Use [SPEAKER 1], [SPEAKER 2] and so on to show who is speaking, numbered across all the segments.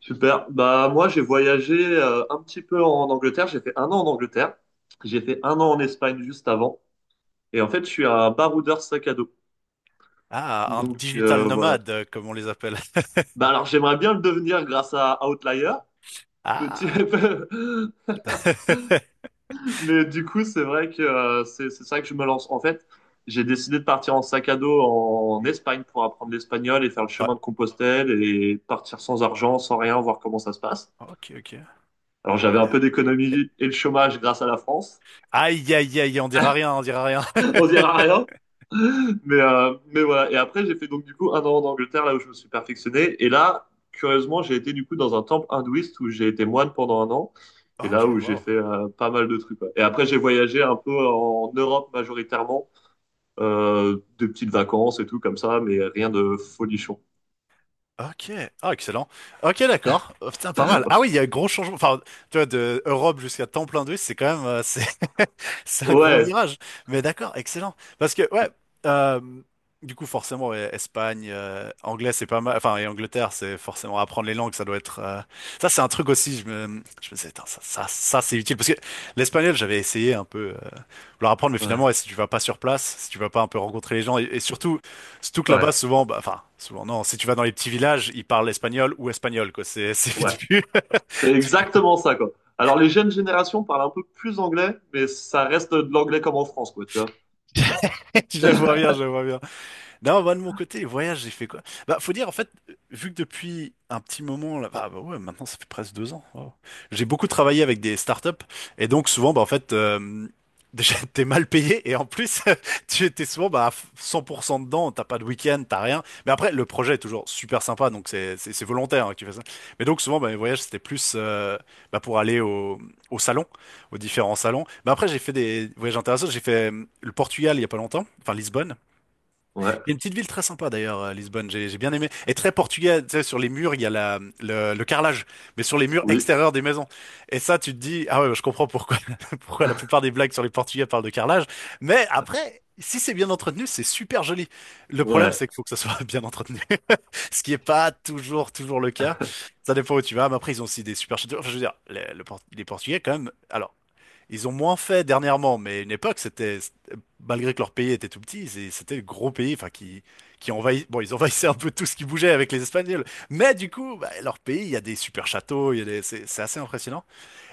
[SPEAKER 1] Super. Bah moi j'ai voyagé un petit peu en Angleterre. J'ai fait un an en Angleterre. J'ai fait un an en Espagne juste avant. Et en fait je suis un baroudeur sac à dos.
[SPEAKER 2] Ah, un
[SPEAKER 1] Donc
[SPEAKER 2] digital
[SPEAKER 1] voilà.
[SPEAKER 2] nomade, comme on les appelle.
[SPEAKER 1] Bah alors j'aimerais bien le devenir grâce à Outlier. Petit.
[SPEAKER 2] Ah.
[SPEAKER 1] Mais du coup c'est vrai que c'est ça que je me lance. En fait j'ai décidé de partir en sac à dos en Espagne pour apprendre l'espagnol et faire le
[SPEAKER 2] Ouais.
[SPEAKER 1] chemin de Compostelle et partir sans argent, sans rien, voir comment ça se passe.
[SPEAKER 2] Ok, ok.
[SPEAKER 1] Alors
[SPEAKER 2] Ah
[SPEAKER 1] j'avais un
[SPEAKER 2] ouais.
[SPEAKER 1] peu d'économie et le chômage grâce à la France.
[SPEAKER 2] Aïe, aïe, aïe, on dira rien, on dira rien.
[SPEAKER 1] On dira rien. Mais voilà. Et après, j'ai fait donc du coup un an en Angleterre, là où je me suis perfectionné. Et là, curieusement, j'ai été du coup dans un temple hindouiste où j'ai été moine pendant un an. Et là
[SPEAKER 2] Ok,
[SPEAKER 1] où j'ai
[SPEAKER 2] wow.
[SPEAKER 1] fait pas mal de trucs. Ouais. Et après, j'ai voyagé un peu en Europe majoritairement, des petites vacances et tout comme ça, mais rien de folichon.
[SPEAKER 2] Ok, ah excellent. Ok, d'accord. Oh, putain, pas mal. Ah oui, il y a un gros changement. Enfin, tu vois, de Europe jusqu'à temps plein d'eux, c'est quand même, c'est un gros
[SPEAKER 1] Ouais,
[SPEAKER 2] virage. Mais d'accord, excellent. Parce que ouais, euh, du coup, forcément, ouais, Espagne, anglais, c'est pas mal. Enfin, et Angleterre, c'est forcément apprendre les langues, ça doit être. Ça, c'est un truc aussi. Je me disais, Tain, ça, c'est utile parce que l'espagnol, j'avais essayé un peu leur apprendre, mais finalement, ouais,
[SPEAKER 1] ouais,
[SPEAKER 2] si tu vas pas sur place, si tu vas pas un peu rencontrer les gens, et surtout. Surtout que là-bas,
[SPEAKER 1] ouais,
[SPEAKER 2] souvent, bah, enfin, souvent, non, si tu vas dans les petits villages, ils parlent espagnol ou espagnol, quoi. C'est, c'est
[SPEAKER 1] ouais.
[SPEAKER 2] vite vu.
[SPEAKER 1] C'est
[SPEAKER 2] Du coup,
[SPEAKER 1] exactement ça, quoi. Alors, les jeunes générations parlent un peu plus anglais, mais ça reste de l'anglais comme en France, quoi, tu vois.
[SPEAKER 2] je vois bien. Non, moi de mon côté, les voyages, j'ai fait quoi? Bah, faut dire, en fait, vu que depuis un petit moment, là, bah ouais, maintenant ça fait presque 2 ans. Wow. J'ai beaucoup travaillé avec des startups et donc souvent, bah en fait, déjà t'es mal payé et en plus, tu étais souvent bah à 100% dedans, t'as pas de week-end, t'as rien. Mais après, le projet est toujours super sympa, donc c'est volontaire hein, qui fait ça. Mais donc souvent, bah, mes voyages c'était plus bah, pour aller au salon, aux différents salons. Mais après, j'ai fait des voyages intéressants. J'ai fait le Portugal il y a pas longtemps, enfin Lisbonne.
[SPEAKER 1] Ouais,
[SPEAKER 2] Il y a une petite ville très sympa d'ailleurs, Lisbonne, j'ai bien aimé. Et très portugais, tu sais, sur les murs, il y a le carrelage, mais sur les murs
[SPEAKER 1] oui,
[SPEAKER 2] extérieurs des maisons. Et ça, tu te dis, ah ouais, bah, je comprends pourquoi, pourquoi la plupart des blagues sur les Portugais parlent de carrelage. Mais après, si c'est bien entretenu, c'est super joli. Le problème,
[SPEAKER 1] ouais,
[SPEAKER 2] c'est qu'il faut que ça soit bien entretenu, ce qui est pas toujours le cas. Ça dépend où tu vas, mais après, ils ont aussi des super châteaux. Enfin, je veux dire, le Port- les Portugais, quand même, alors, ils ont moins fait dernièrement, mais à une époque, c'était- malgré que leur pays était tout petit, c'est- c'était le gros pays, enfin, qui envahit, bon, ils envahissaient un peu tout ce qui bougeait avec les Espagnols. Mais du coup, bah, leur pays, il y a des super châteaux, il y a des- c'est assez impressionnant.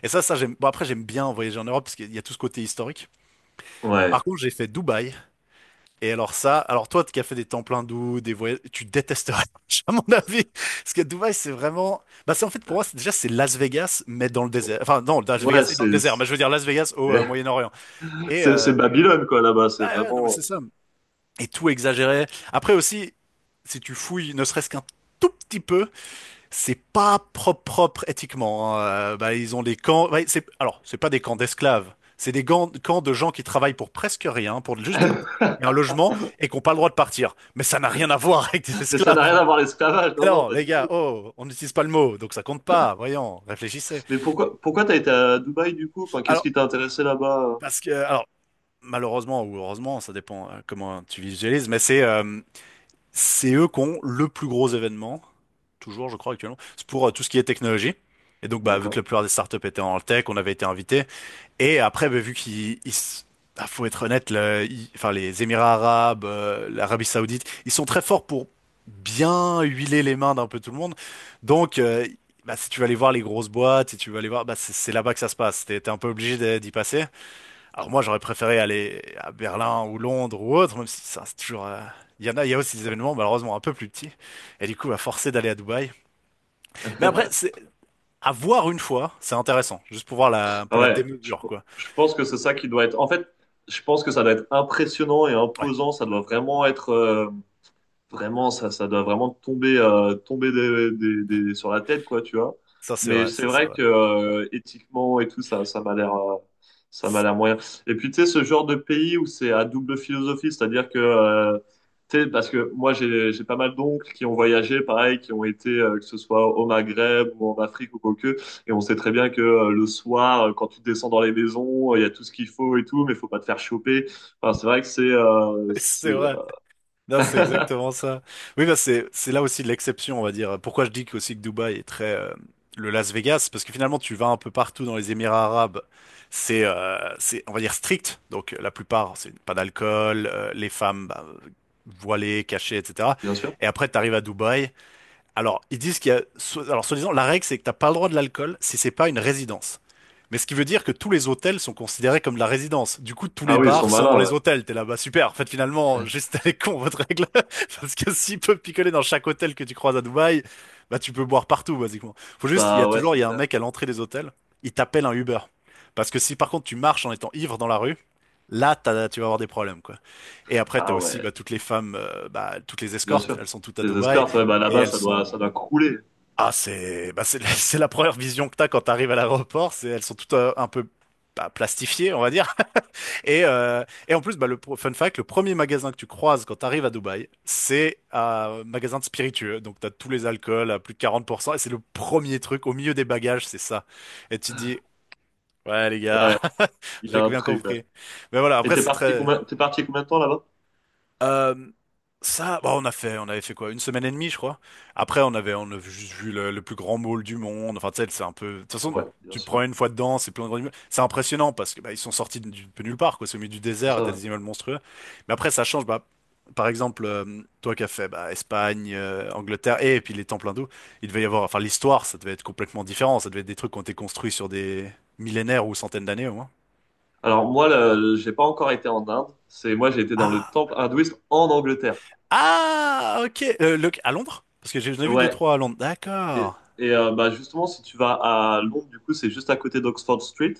[SPEAKER 2] Et j'aime, bon, après, j'aime bien voyager en Europe parce qu'il y a tout ce côté historique.
[SPEAKER 1] ouais.
[SPEAKER 2] Par contre, j'ai fait Dubaï. Et alors ça, alors toi qui as fait des temples hindous, des voyages, tu détesterais, à mon avis. Parce que Dubaï, c'est vraiment, bah c'est en fait pour moi, c'est- déjà c'est Las Vegas, mais dans le désert. Enfin non, Las
[SPEAKER 1] Ouais,
[SPEAKER 2] Vegas et dans le désert, mais je veux dire Las Vegas au
[SPEAKER 1] c'est
[SPEAKER 2] Moyen-Orient. Et
[SPEAKER 1] c'est
[SPEAKER 2] euh,
[SPEAKER 1] c'est Babylone quoi là-bas, c'est
[SPEAKER 2] ouais, non, mais
[SPEAKER 1] vraiment.
[SPEAKER 2] c'est ça. Et tout exagéré. Après aussi, si tu fouilles, ne serait-ce qu'un tout petit peu, c'est pas propre éthiquement, hein. Bah, ils ont des camps. Ouais, c'est... Alors, c'est pas des camps d'esclaves. C'est des gants- camps de gens qui travaillent pour presque rien, pour juste de la bouffe et un logement, et qui n'ont pas le droit de partir. Mais ça n'a rien à voir avec des
[SPEAKER 1] Mais ça n'a rien
[SPEAKER 2] esclaves.
[SPEAKER 1] à voir l'esclavage, non non,
[SPEAKER 2] Alors,
[SPEAKER 1] pas
[SPEAKER 2] les
[SPEAKER 1] du
[SPEAKER 2] gars,
[SPEAKER 1] tout.
[SPEAKER 2] oh, on n'utilise pas le mot, donc ça compte pas. Voyons, réfléchissez.
[SPEAKER 1] Mais pourquoi t'as été à Dubaï du coup? Enfin, qu'est-ce
[SPEAKER 2] Alors,
[SPEAKER 1] qui t'a intéressé là-bas?
[SPEAKER 2] parce que, alors, malheureusement ou heureusement, ça dépend comment tu visualises, mais c'est eux qui ont le plus gros événement, toujours je crois actuellement, c'est pour tout ce qui est technologie. Et donc bah vu que
[SPEAKER 1] D'accord.
[SPEAKER 2] la plupart des startups étaient en tech, on avait été invités. Et après bah, vu qu'il ils s- ah, faut être honnête, le- ils- enfin les Émirats arabes, l'Arabie Saoudite, ils sont très forts pour bien huiler les mains d'un peu tout le monde. Donc bah, si tu vas aller voir les grosses boîtes, si tu vas aller voir, bah c'est là-bas que ça se passe. T'es un peu obligé d'y passer. Alors moi, j'aurais préféré aller à Berlin ou Londres ou autre, même si ça, c'est toujours... il y en a, il y a aussi des événements malheureusement un peu plus petits. Et du coup, à forcer d'aller à Dubaï. Mais après, c'est à voir une fois, c'est intéressant. Juste pour voir la, un peu
[SPEAKER 1] Ah
[SPEAKER 2] la
[SPEAKER 1] ouais,
[SPEAKER 2] démesure, quoi.
[SPEAKER 1] je pense que c'est ça qui doit être. En fait, je pense que ça doit être impressionnant et
[SPEAKER 2] Ouais,
[SPEAKER 1] imposant. Ça doit vraiment être. Vraiment, ça doit vraiment tomber, sur la tête, quoi, tu vois. Mais c'est
[SPEAKER 2] ça c'est
[SPEAKER 1] vrai
[SPEAKER 2] vrai.
[SPEAKER 1] que éthiquement et tout, ça m'a l'air moyen. Et puis, tu sais, ce genre de pays où c'est à double philosophie, c'est-à-dire que, tu sais, parce que moi, j'ai pas mal d'oncles qui ont voyagé, pareil, qui ont été, que ce soit au Maghreb ou en Afrique ou quoi que, et on sait très bien que le soir, quand tu descends dans les maisons, il y a tout ce qu'il faut et tout, mais faut pas te faire choper. Enfin, c'est vrai que
[SPEAKER 2] C'est vrai. Non, c'est exactement ça. Oui, bah c'est là aussi l'exception, on va dire. Pourquoi je dis que aussi que Dubaï est très le Las Vegas, parce que finalement tu vas un peu partout dans les Émirats arabes, c'est on va dire strict. Donc la plupart, c'est pas d'alcool, les femmes bah, voilées, cachées, etc.
[SPEAKER 1] bien sûr.
[SPEAKER 2] Et après tu arrives à Dubaï. Alors ils disent qu'il y a so- alors soi-disant la règle c'est que t'as pas le droit de l'alcool si c'est pas une résidence. Mais ce qui veut dire que tous les hôtels sont considérés comme de la résidence. Du coup, tous
[SPEAKER 1] Ah
[SPEAKER 2] les
[SPEAKER 1] oui, ils sont
[SPEAKER 2] bars sont dans
[SPEAKER 1] malins. Ouais.
[SPEAKER 2] les hôtels. T'es là, bah super. En fait, finalement, juste elle est con, votre règle. Parce que s'ils peuvent picoler dans chaque hôtel que tu croises à Dubaï, bah tu peux boire partout, basiquement. Faut juste, il y a
[SPEAKER 1] Bah ouais,
[SPEAKER 2] toujours,
[SPEAKER 1] c'est
[SPEAKER 2] il y a un
[SPEAKER 1] clair.
[SPEAKER 2] mec à l'entrée des hôtels, il t'appelle un Uber. Parce que si par contre tu marches en étant ivre dans la rue, là, t'as- tu vas avoir des problèmes, quoi. Et après, t'as
[SPEAKER 1] Ah
[SPEAKER 2] aussi
[SPEAKER 1] ouais,
[SPEAKER 2] bah, toutes les femmes, bah, toutes les
[SPEAKER 1] bien
[SPEAKER 2] escortes,
[SPEAKER 1] sûr.
[SPEAKER 2] elles sont toutes à
[SPEAKER 1] Les
[SPEAKER 2] Dubaï.
[SPEAKER 1] escortes, ouais, bah
[SPEAKER 2] Et
[SPEAKER 1] là-bas,
[SPEAKER 2] elles
[SPEAKER 1] ça doit,
[SPEAKER 2] sont
[SPEAKER 1] ça doit crouler.
[SPEAKER 2] ah, c'est bah, c'est c'est la première vision que t'as quand t'arrives à l'aéroport. C'est elles sont toutes un peu bah, plastifiées, on va dire. Et euh, et en plus, bah, le pro- fun fact, le premier magasin que tu croises quand t'arrives à Dubaï, c'est un magasin de spiritueux. Donc t'as tous les alcools à plus de 40%. Et c'est le premier truc au milieu des bagages, c'est ça. Et tu te dis, ouais les gars,
[SPEAKER 1] Ouais, il y
[SPEAKER 2] j'ai
[SPEAKER 1] a un
[SPEAKER 2] bien
[SPEAKER 1] truc. Ouais.
[SPEAKER 2] compris. Mais voilà, après c'est très
[SPEAKER 1] T'es parti combien de temps là-bas?
[SPEAKER 2] euh, ça, bah, on a fait, on avait fait quoi? Une semaine et demie, je crois. Après, on a juste vu le plus grand mall du monde. Enfin, tu sais, c'est un peu. De toute façon,
[SPEAKER 1] Ouais, bien
[SPEAKER 2] tu te prends
[SPEAKER 1] sûr.
[SPEAKER 2] une fois dedans, c'est plein de grands immeubles. C'est impressionnant parce que bah, ils sont sortis de nulle part, quoi. C'est au milieu du désert, et
[SPEAKER 1] Ça
[SPEAKER 2] t'as
[SPEAKER 1] va.
[SPEAKER 2] des immeubles monstrueux. Mais après, ça change. Bah, par exemple, toi qui as fait bah, Espagne, Angleterre et, puis les temples hindous, il devait y avoir. Enfin, l'histoire, ça devait être complètement différent. Ça devait être des trucs qui ont été construits sur des millénaires ou centaines d'années au moins.
[SPEAKER 1] Alors moi, j'ai pas encore été en Inde. C'est moi, j'ai été dans le
[SPEAKER 2] Ah,
[SPEAKER 1] temple hindouiste en Angleterre.
[SPEAKER 2] Ah, ok. Le- à Londres? Parce que j'ai- j'en ai vu deux,
[SPEAKER 1] Ouais.
[SPEAKER 2] trois à Londres.
[SPEAKER 1] Et,
[SPEAKER 2] D'accord.
[SPEAKER 1] Bah justement, si tu vas à Londres, du coup, c'est juste à côté d'Oxford Street.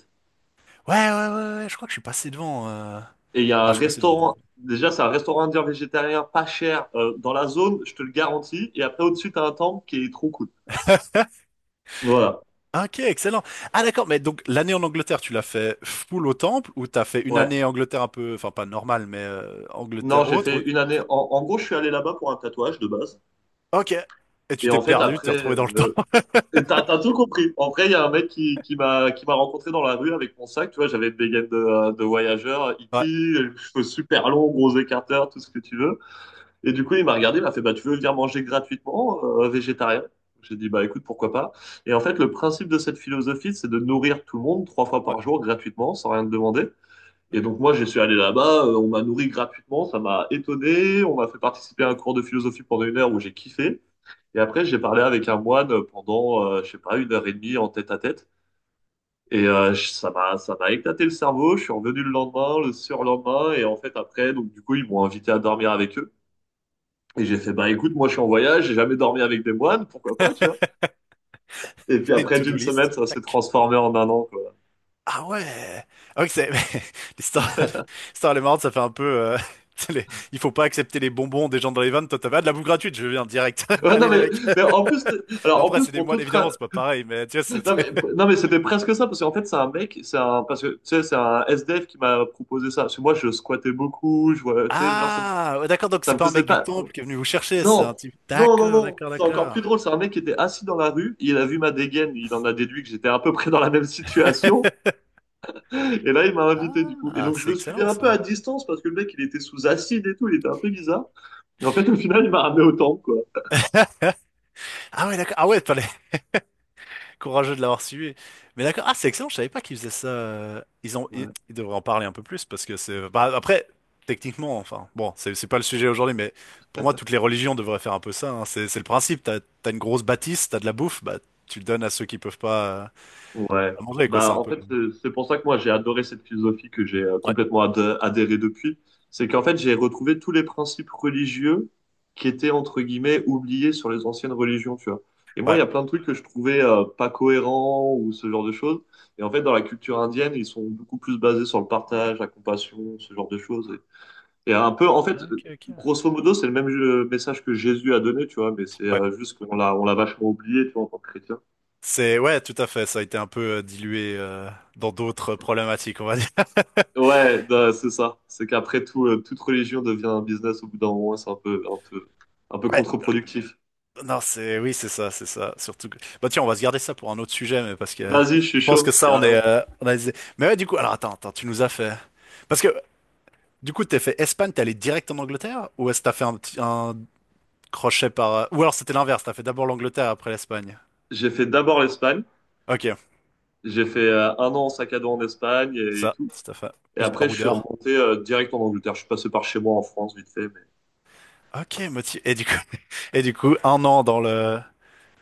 [SPEAKER 2] Ouais, je crois que je suis passé devant, enfin,
[SPEAKER 1] Et il y a un
[SPEAKER 2] je suis passé devant. Deux.
[SPEAKER 1] restaurant. Déjà, c'est un restaurant indien végétarien pas cher dans la zone, je te le garantis. Et après, au-dessus, t'as un temple qui est trop cool. Voilà.
[SPEAKER 2] Ok, excellent. Ah, d'accord, mais donc l'année en Angleterre, tu l'as fait full au temple ou t'as fait une
[SPEAKER 1] Ouais.
[SPEAKER 2] année Angleterre un peu, enfin pas normale, mais
[SPEAKER 1] Non,
[SPEAKER 2] Angleterre
[SPEAKER 1] j'ai
[SPEAKER 2] autre ou...
[SPEAKER 1] fait une année. En gros, je suis allé là-bas pour un tatouage de base.
[SPEAKER 2] Ok. Et tu
[SPEAKER 1] Et
[SPEAKER 2] t'es
[SPEAKER 1] en fait,
[SPEAKER 2] perdu, tu t'es
[SPEAKER 1] après,
[SPEAKER 2] retrouvé dans le temps.
[SPEAKER 1] t'as tout compris. En vrai, il y a un mec qui m'a rencontré dans la rue avec mon sac. Tu vois, j'avais une dégaine de voyageur,
[SPEAKER 2] Ouais,
[SPEAKER 1] hippie, cheveux super longs, gros écarteurs, tout ce que tu veux. Et du coup, il m'a regardé, il m'a fait, bah, tu veux venir manger gratuitement, végétarien? J'ai dit, bah, écoute, pourquoi pas? Et en fait, le principe de cette philosophie, c'est de nourrir tout le monde trois fois
[SPEAKER 2] ouais.
[SPEAKER 1] par jour gratuitement, sans rien te demander. Et
[SPEAKER 2] Ok.
[SPEAKER 1] donc moi, je suis allé là-bas, on m'a nourri gratuitement, ça m'a étonné, on m'a fait participer à un cours de philosophie pendant une heure où j'ai kiffé. Et après, j'ai parlé avec un moine pendant, je sais pas, une heure et demie en tête à tête. Et ça m'a éclaté le cerveau. Je suis revenu le lendemain, le surlendemain, et en fait après, donc du coup, ils m'ont invité à dormir avec eux. Et j'ai fait, bah écoute, moi je suis en voyage, j'ai jamais dormi avec des moines, pourquoi pas, tu vois. Et puis
[SPEAKER 2] Fais une
[SPEAKER 1] après,
[SPEAKER 2] to-do
[SPEAKER 1] d'une semaine,
[SPEAKER 2] list.
[SPEAKER 1] ça s'est
[SPEAKER 2] Tac.
[SPEAKER 1] transformé en un an, quoi.
[SPEAKER 2] Ah ouais! Ah oui, c'est... L'histoire l'histoire, elle est marrante, ça fait un peu... euh, tu sais, les- il faut pas accepter les bonbons des gens dans les vannes. Toi, t'as pas de la bouffe gratuite, je viens direct.
[SPEAKER 1] Ouais,
[SPEAKER 2] Allez,
[SPEAKER 1] non
[SPEAKER 2] les
[SPEAKER 1] mais,
[SPEAKER 2] mecs.
[SPEAKER 1] mais en plus, t-
[SPEAKER 2] Bon,
[SPEAKER 1] alors en
[SPEAKER 2] après,
[SPEAKER 1] plus
[SPEAKER 2] c'est des
[SPEAKER 1] pour tout
[SPEAKER 2] moines, évidemment, c'est pas pareil, mais tu vois,
[SPEAKER 1] Non
[SPEAKER 2] c'était...
[SPEAKER 1] mais, non mais c'était presque ça parce qu'en fait c'est un mec, c'est un parce que tu sais c'est un SDF qui m'a proposé ça. Parce que moi je squattais beaucoup, je vois, tu sais genre ça me,
[SPEAKER 2] Ah! Ouais, d'accord, donc
[SPEAKER 1] ça
[SPEAKER 2] c'est
[SPEAKER 1] me
[SPEAKER 2] pas un mec
[SPEAKER 1] faisait
[SPEAKER 2] du
[SPEAKER 1] pas.
[SPEAKER 2] temple qui est venu vous chercher, c'est un
[SPEAKER 1] Non,
[SPEAKER 2] type...
[SPEAKER 1] non non
[SPEAKER 2] D'accord,
[SPEAKER 1] non, c'est encore
[SPEAKER 2] d'accord.
[SPEAKER 1] plus drôle. C'est un mec qui était assis dans la rue, il a vu ma dégaine, il en a déduit que j'étais à peu près dans la même situation. Et là il m'a invité du coup. Et
[SPEAKER 2] Ah,
[SPEAKER 1] donc je
[SPEAKER 2] c'est
[SPEAKER 1] le suivais
[SPEAKER 2] excellent,
[SPEAKER 1] un
[SPEAKER 2] ça.
[SPEAKER 1] peu à distance parce que le mec il était sous acide et tout, il était un peu bizarre. Et en fait au final il m'a ramené au temple quoi.
[SPEAKER 2] Ah ouais, d'accord. Ah ouais, courageux de l'avoir suivi. Mais d'accord. Ah, c'est excellent, je savais pas qu'ils faisaient ça. Ils ont, ils devraient en parler un peu plus parce que c'est. Bah, après, techniquement, enfin, bon, c'est pas le sujet aujourd'hui, mais pour moi, toutes les religions devraient faire un peu ça, hein. C'est le principe. T'as une grosse bâtisse, t'as de la bouffe, bah, tu le donnes à ceux qui peuvent pas,
[SPEAKER 1] Ouais.
[SPEAKER 2] pas manger, quoi.
[SPEAKER 1] Bah,
[SPEAKER 2] C'est un
[SPEAKER 1] en
[SPEAKER 2] peu. Le-
[SPEAKER 1] fait, c'est pour ça que moi, j'ai adoré cette philosophie que j'ai
[SPEAKER 2] ouais.
[SPEAKER 1] complètement adhéré depuis. C'est qu'en fait, j'ai retrouvé tous les principes religieux qui étaient, entre guillemets, oubliés sur les anciennes religions, tu vois. Et moi, il
[SPEAKER 2] Ouais.
[SPEAKER 1] y a plein de trucs que je trouvais pas cohérents ou ce genre de choses. Et en fait, dans la culture indienne, ils sont beaucoup plus basés sur le partage, la compassion, ce genre de choses. Un peu, en fait,
[SPEAKER 2] Ok, ok.
[SPEAKER 1] grosso modo, c'est le même message que Jésus a donné, tu vois, mais c'est
[SPEAKER 2] Ouais.
[SPEAKER 1] juste qu'on l'a vachement oublié, tu vois, en tant que chrétien.
[SPEAKER 2] C'est, ouais, tout à fait. Ça a été un peu dilué dans d'autres problématiques, on va dire.
[SPEAKER 1] Ouais, non, c'est ça. C'est qu'après tout, toute religion devient un business au bout d'un moment, c'est un peu
[SPEAKER 2] Ouais.
[SPEAKER 1] contre-productif.
[SPEAKER 2] Non, c'est oui, c'est ça, c'est ça. Surtout que... Bah tiens, on va se garder ça pour un autre sujet, mais parce que
[SPEAKER 1] Vas-y, je suis
[SPEAKER 2] je pense que
[SPEAKER 1] chaud,
[SPEAKER 2] ça, on est,
[SPEAKER 1] carrément.
[SPEAKER 2] on a... des- mais ouais, du coup, alors attends, attends, tu nous as fait. Parce que du coup, t'es fait Espagne, t'es allé direct en Angleterre, ou est-ce que t'as fait un, petit- un crochet par. Ou alors c'était l'inverse, t'as fait d'abord l'Angleterre après l'Espagne.
[SPEAKER 1] J'ai fait d'abord l'Espagne.
[SPEAKER 2] Ok,
[SPEAKER 1] J'ai fait un an en sac à dos en Espagne
[SPEAKER 2] c'est ça,
[SPEAKER 1] tout.
[SPEAKER 2] tout à fait.
[SPEAKER 1] Et
[SPEAKER 2] Plus
[SPEAKER 1] après, je suis
[SPEAKER 2] baroudeur.
[SPEAKER 1] remonté direct en Angleterre. Je suis passé par chez moi en France, vite fait, mais
[SPEAKER 2] Ok, motif. Et du coup, et du coup, 1 an dans le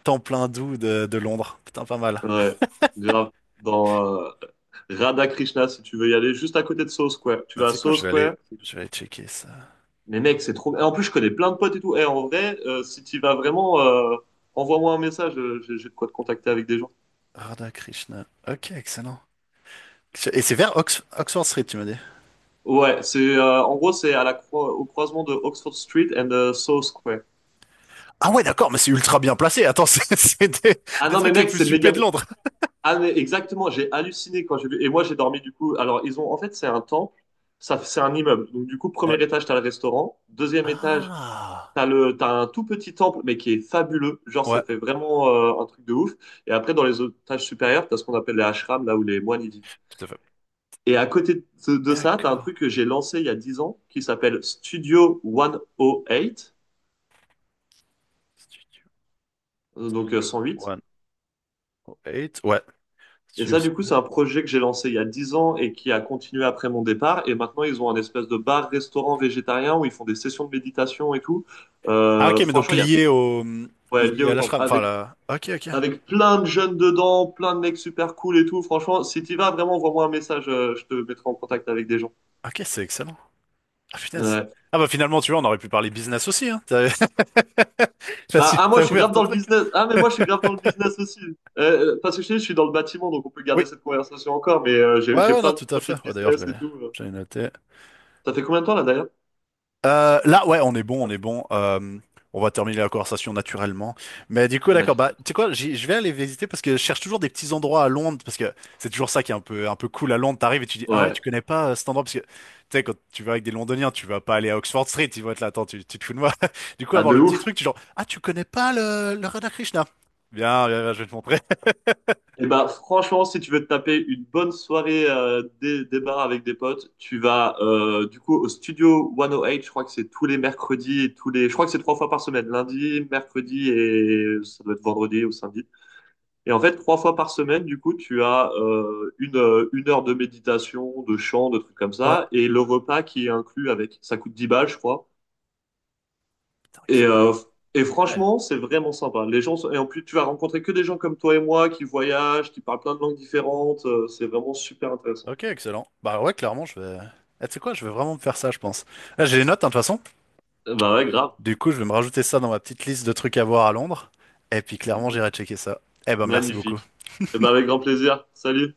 [SPEAKER 2] temps plein doux de Londres. Putain, pas mal.
[SPEAKER 1] ouais, grave. Dans euh, Radha Krishna, si tu veux y aller, juste à côté de Soho Square. Tu
[SPEAKER 2] Mais
[SPEAKER 1] vas
[SPEAKER 2] tu
[SPEAKER 1] à
[SPEAKER 2] sais quoi,
[SPEAKER 1] Soho Square.
[SPEAKER 2] je vais aller checker ça.
[SPEAKER 1] Mais mec, c'est trop. Et en plus, je connais plein de potes et tout. Et en vrai, si tu vas vraiment, envoie-moi un message. J'ai de quoi te contacter avec des gens.
[SPEAKER 2] Radha Krishna. Ok, excellent. Et c'est vers Ox- Oxford Street, tu m'as dit.
[SPEAKER 1] Ouais, c'est en gros, c'est à la au croisement de Oxford Street and South Square.
[SPEAKER 2] Ah ouais, d'accord, mais c'est ultra bien placé. Attends, c'est
[SPEAKER 1] Ah
[SPEAKER 2] des
[SPEAKER 1] non, mais
[SPEAKER 2] trucs les
[SPEAKER 1] mec, c'est
[SPEAKER 2] plus huppés
[SPEAKER 1] méga.
[SPEAKER 2] de Londres.
[SPEAKER 1] Ah mais exactement, j'ai halluciné quand j'ai vu. Et moi, j'ai dormi du coup. Alors, ils ont en fait, c'est un temple. Ça, c'est un immeuble. Donc du coup,
[SPEAKER 2] Ouais.
[SPEAKER 1] premier étage, t'as le restaurant. Deuxième étage,
[SPEAKER 2] Ah.
[SPEAKER 1] t'as un tout petit temple, mais qui est fabuleux. Genre,
[SPEAKER 2] Ouais,
[SPEAKER 1] ça fait vraiment un truc de ouf. Et après, dans les étages supérieurs, t'as ce qu'on appelle les ashrams, là où les moines y vivent.
[SPEAKER 2] tout à fait.
[SPEAKER 1] Et à côté de ça, tu as un
[SPEAKER 2] D'accord.
[SPEAKER 1] truc que j'ai lancé il y a 10 ans qui s'appelle Studio 108,
[SPEAKER 2] Studio,
[SPEAKER 1] donc
[SPEAKER 2] Studio
[SPEAKER 1] 108.
[SPEAKER 2] 108. Ouais.
[SPEAKER 1] Et
[SPEAKER 2] Studio.
[SPEAKER 1] ça, du coup, c'est un projet que j'ai lancé il y a 10 ans et qui a continué après mon départ. Et maintenant, ils ont un espèce de bar-restaurant végétarien où ils font des sessions de méditation et tout.
[SPEAKER 2] Ah ok, mais donc
[SPEAKER 1] Franchement, il y a ouais, lié
[SPEAKER 2] lié
[SPEAKER 1] au
[SPEAKER 2] à
[SPEAKER 1] temps.
[SPEAKER 2] l'ashram. Enfin
[SPEAKER 1] Avec,
[SPEAKER 2] la. Ok, ok.
[SPEAKER 1] avec plein de jeunes dedans, plein de mecs super cool et tout. Franchement, si tu vas, vraiment, envoie-moi un message. Je te mettrai en contact avec des gens.
[SPEAKER 2] Ok, c'est excellent. Ah punaise.
[SPEAKER 1] Ouais.
[SPEAKER 2] Ah bah finalement, tu vois, on aurait pu parler business aussi, hein. T'as là,
[SPEAKER 1] Bah,
[SPEAKER 2] si
[SPEAKER 1] ah, moi,
[SPEAKER 2] t'as
[SPEAKER 1] je suis
[SPEAKER 2] ouvert
[SPEAKER 1] grave
[SPEAKER 2] ton
[SPEAKER 1] dans le
[SPEAKER 2] truc.
[SPEAKER 1] business. Ah, mais moi, je suis grave dans le business aussi. Parce que je te dis, je suis dans le bâtiment, donc on peut
[SPEAKER 2] Oui.
[SPEAKER 1] garder cette conversation encore, mais j'ai
[SPEAKER 2] Ouais, non,
[SPEAKER 1] plein de
[SPEAKER 2] tout à
[SPEAKER 1] projets de
[SPEAKER 2] fait. Ouais, d'ailleurs,
[SPEAKER 1] business et tout.
[SPEAKER 2] je l'ai noté.
[SPEAKER 1] Ça fait combien de temps, là, d'ailleurs?
[SPEAKER 2] Là, ouais, on est bon. On va terminer la conversation naturellement. Mais du coup, d'accord, bah,
[SPEAKER 1] Magnifique.
[SPEAKER 2] tu sais quoi, j'y- je vais aller visiter parce que je cherche toujours des petits endroits à Londres parce que c'est toujours ça qui est un peu cool à Londres. T'arrives et tu dis, ah ouais,
[SPEAKER 1] Ouais.
[SPEAKER 2] tu connais pas cet endroit parce que, tu sais, quand tu vas avec des Londoniens, tu vas pas aller à Oxford Street, ils vont être là, attends, tu te fous de moi. Du coup,
[SPEAKER 1] Bah,
[SPEAKER 2] avoir
[SPEAKER 1] de
[SPEAKER 2] le petit
[SPEAKER 1] ouf.
[SPEAKER 2] truc, tu genre, ah, tu connais pas le Radhakrishna. Bien, bien, je vais te montrer.
[SPEAKER 1] Et bah, franchement, si tu veux te taper une bonne soirée des bars avec des potes, tu vas, du coup, au studio 108, je crois que c'est tous les mercredis et tous les... Je crois que c'est trois fois par semaine, lundi, mercredi et ça doit être vendredi ou samedi. Et en fait, trois fois par semaine, du coup, tu as une heure de méditation, de chant, de trucs comme
[SPEAKER 2] Ouais,
[SPEAKER 1] ça, et le repas qui est inclus avec. Ça coûte 10 balles, je crois.
[SPEAKER 2] putain,
[SPEAKER 1] Et,
[SPEAKER 2] excellent.
[SPEAKER 1] euh,
[SPEAKER 2] Ouais,
[SPEAKER 1] Franchement, c'est vraiment sympa. Les gens sont... Et en plus, tu vas rencontrer que des gens comme toi et moi qui voyagent, qui parlent plein de langues différentes. C'est vraiment super intéressant.
[SPEAKER 2] ok, excellent. Bah ouais, clairement, je vais. Eh, tu sais quoi, je vais vraiment me faire ça, je pense. Là, j'ai les notes, hein, de toute façon.
[SPEAKER 1] Eh ben ouais, grave.
[SPEAKER 2] Du coup, je vais me rajouter ça dans ma petite liste de trucs à voir à Londres. Et puis clairement, j'irai checker ça. Eh ben, merci beaucoup.
[SPEAKER 1] Magnifique. Eh ben avec grand plaisir. Salut.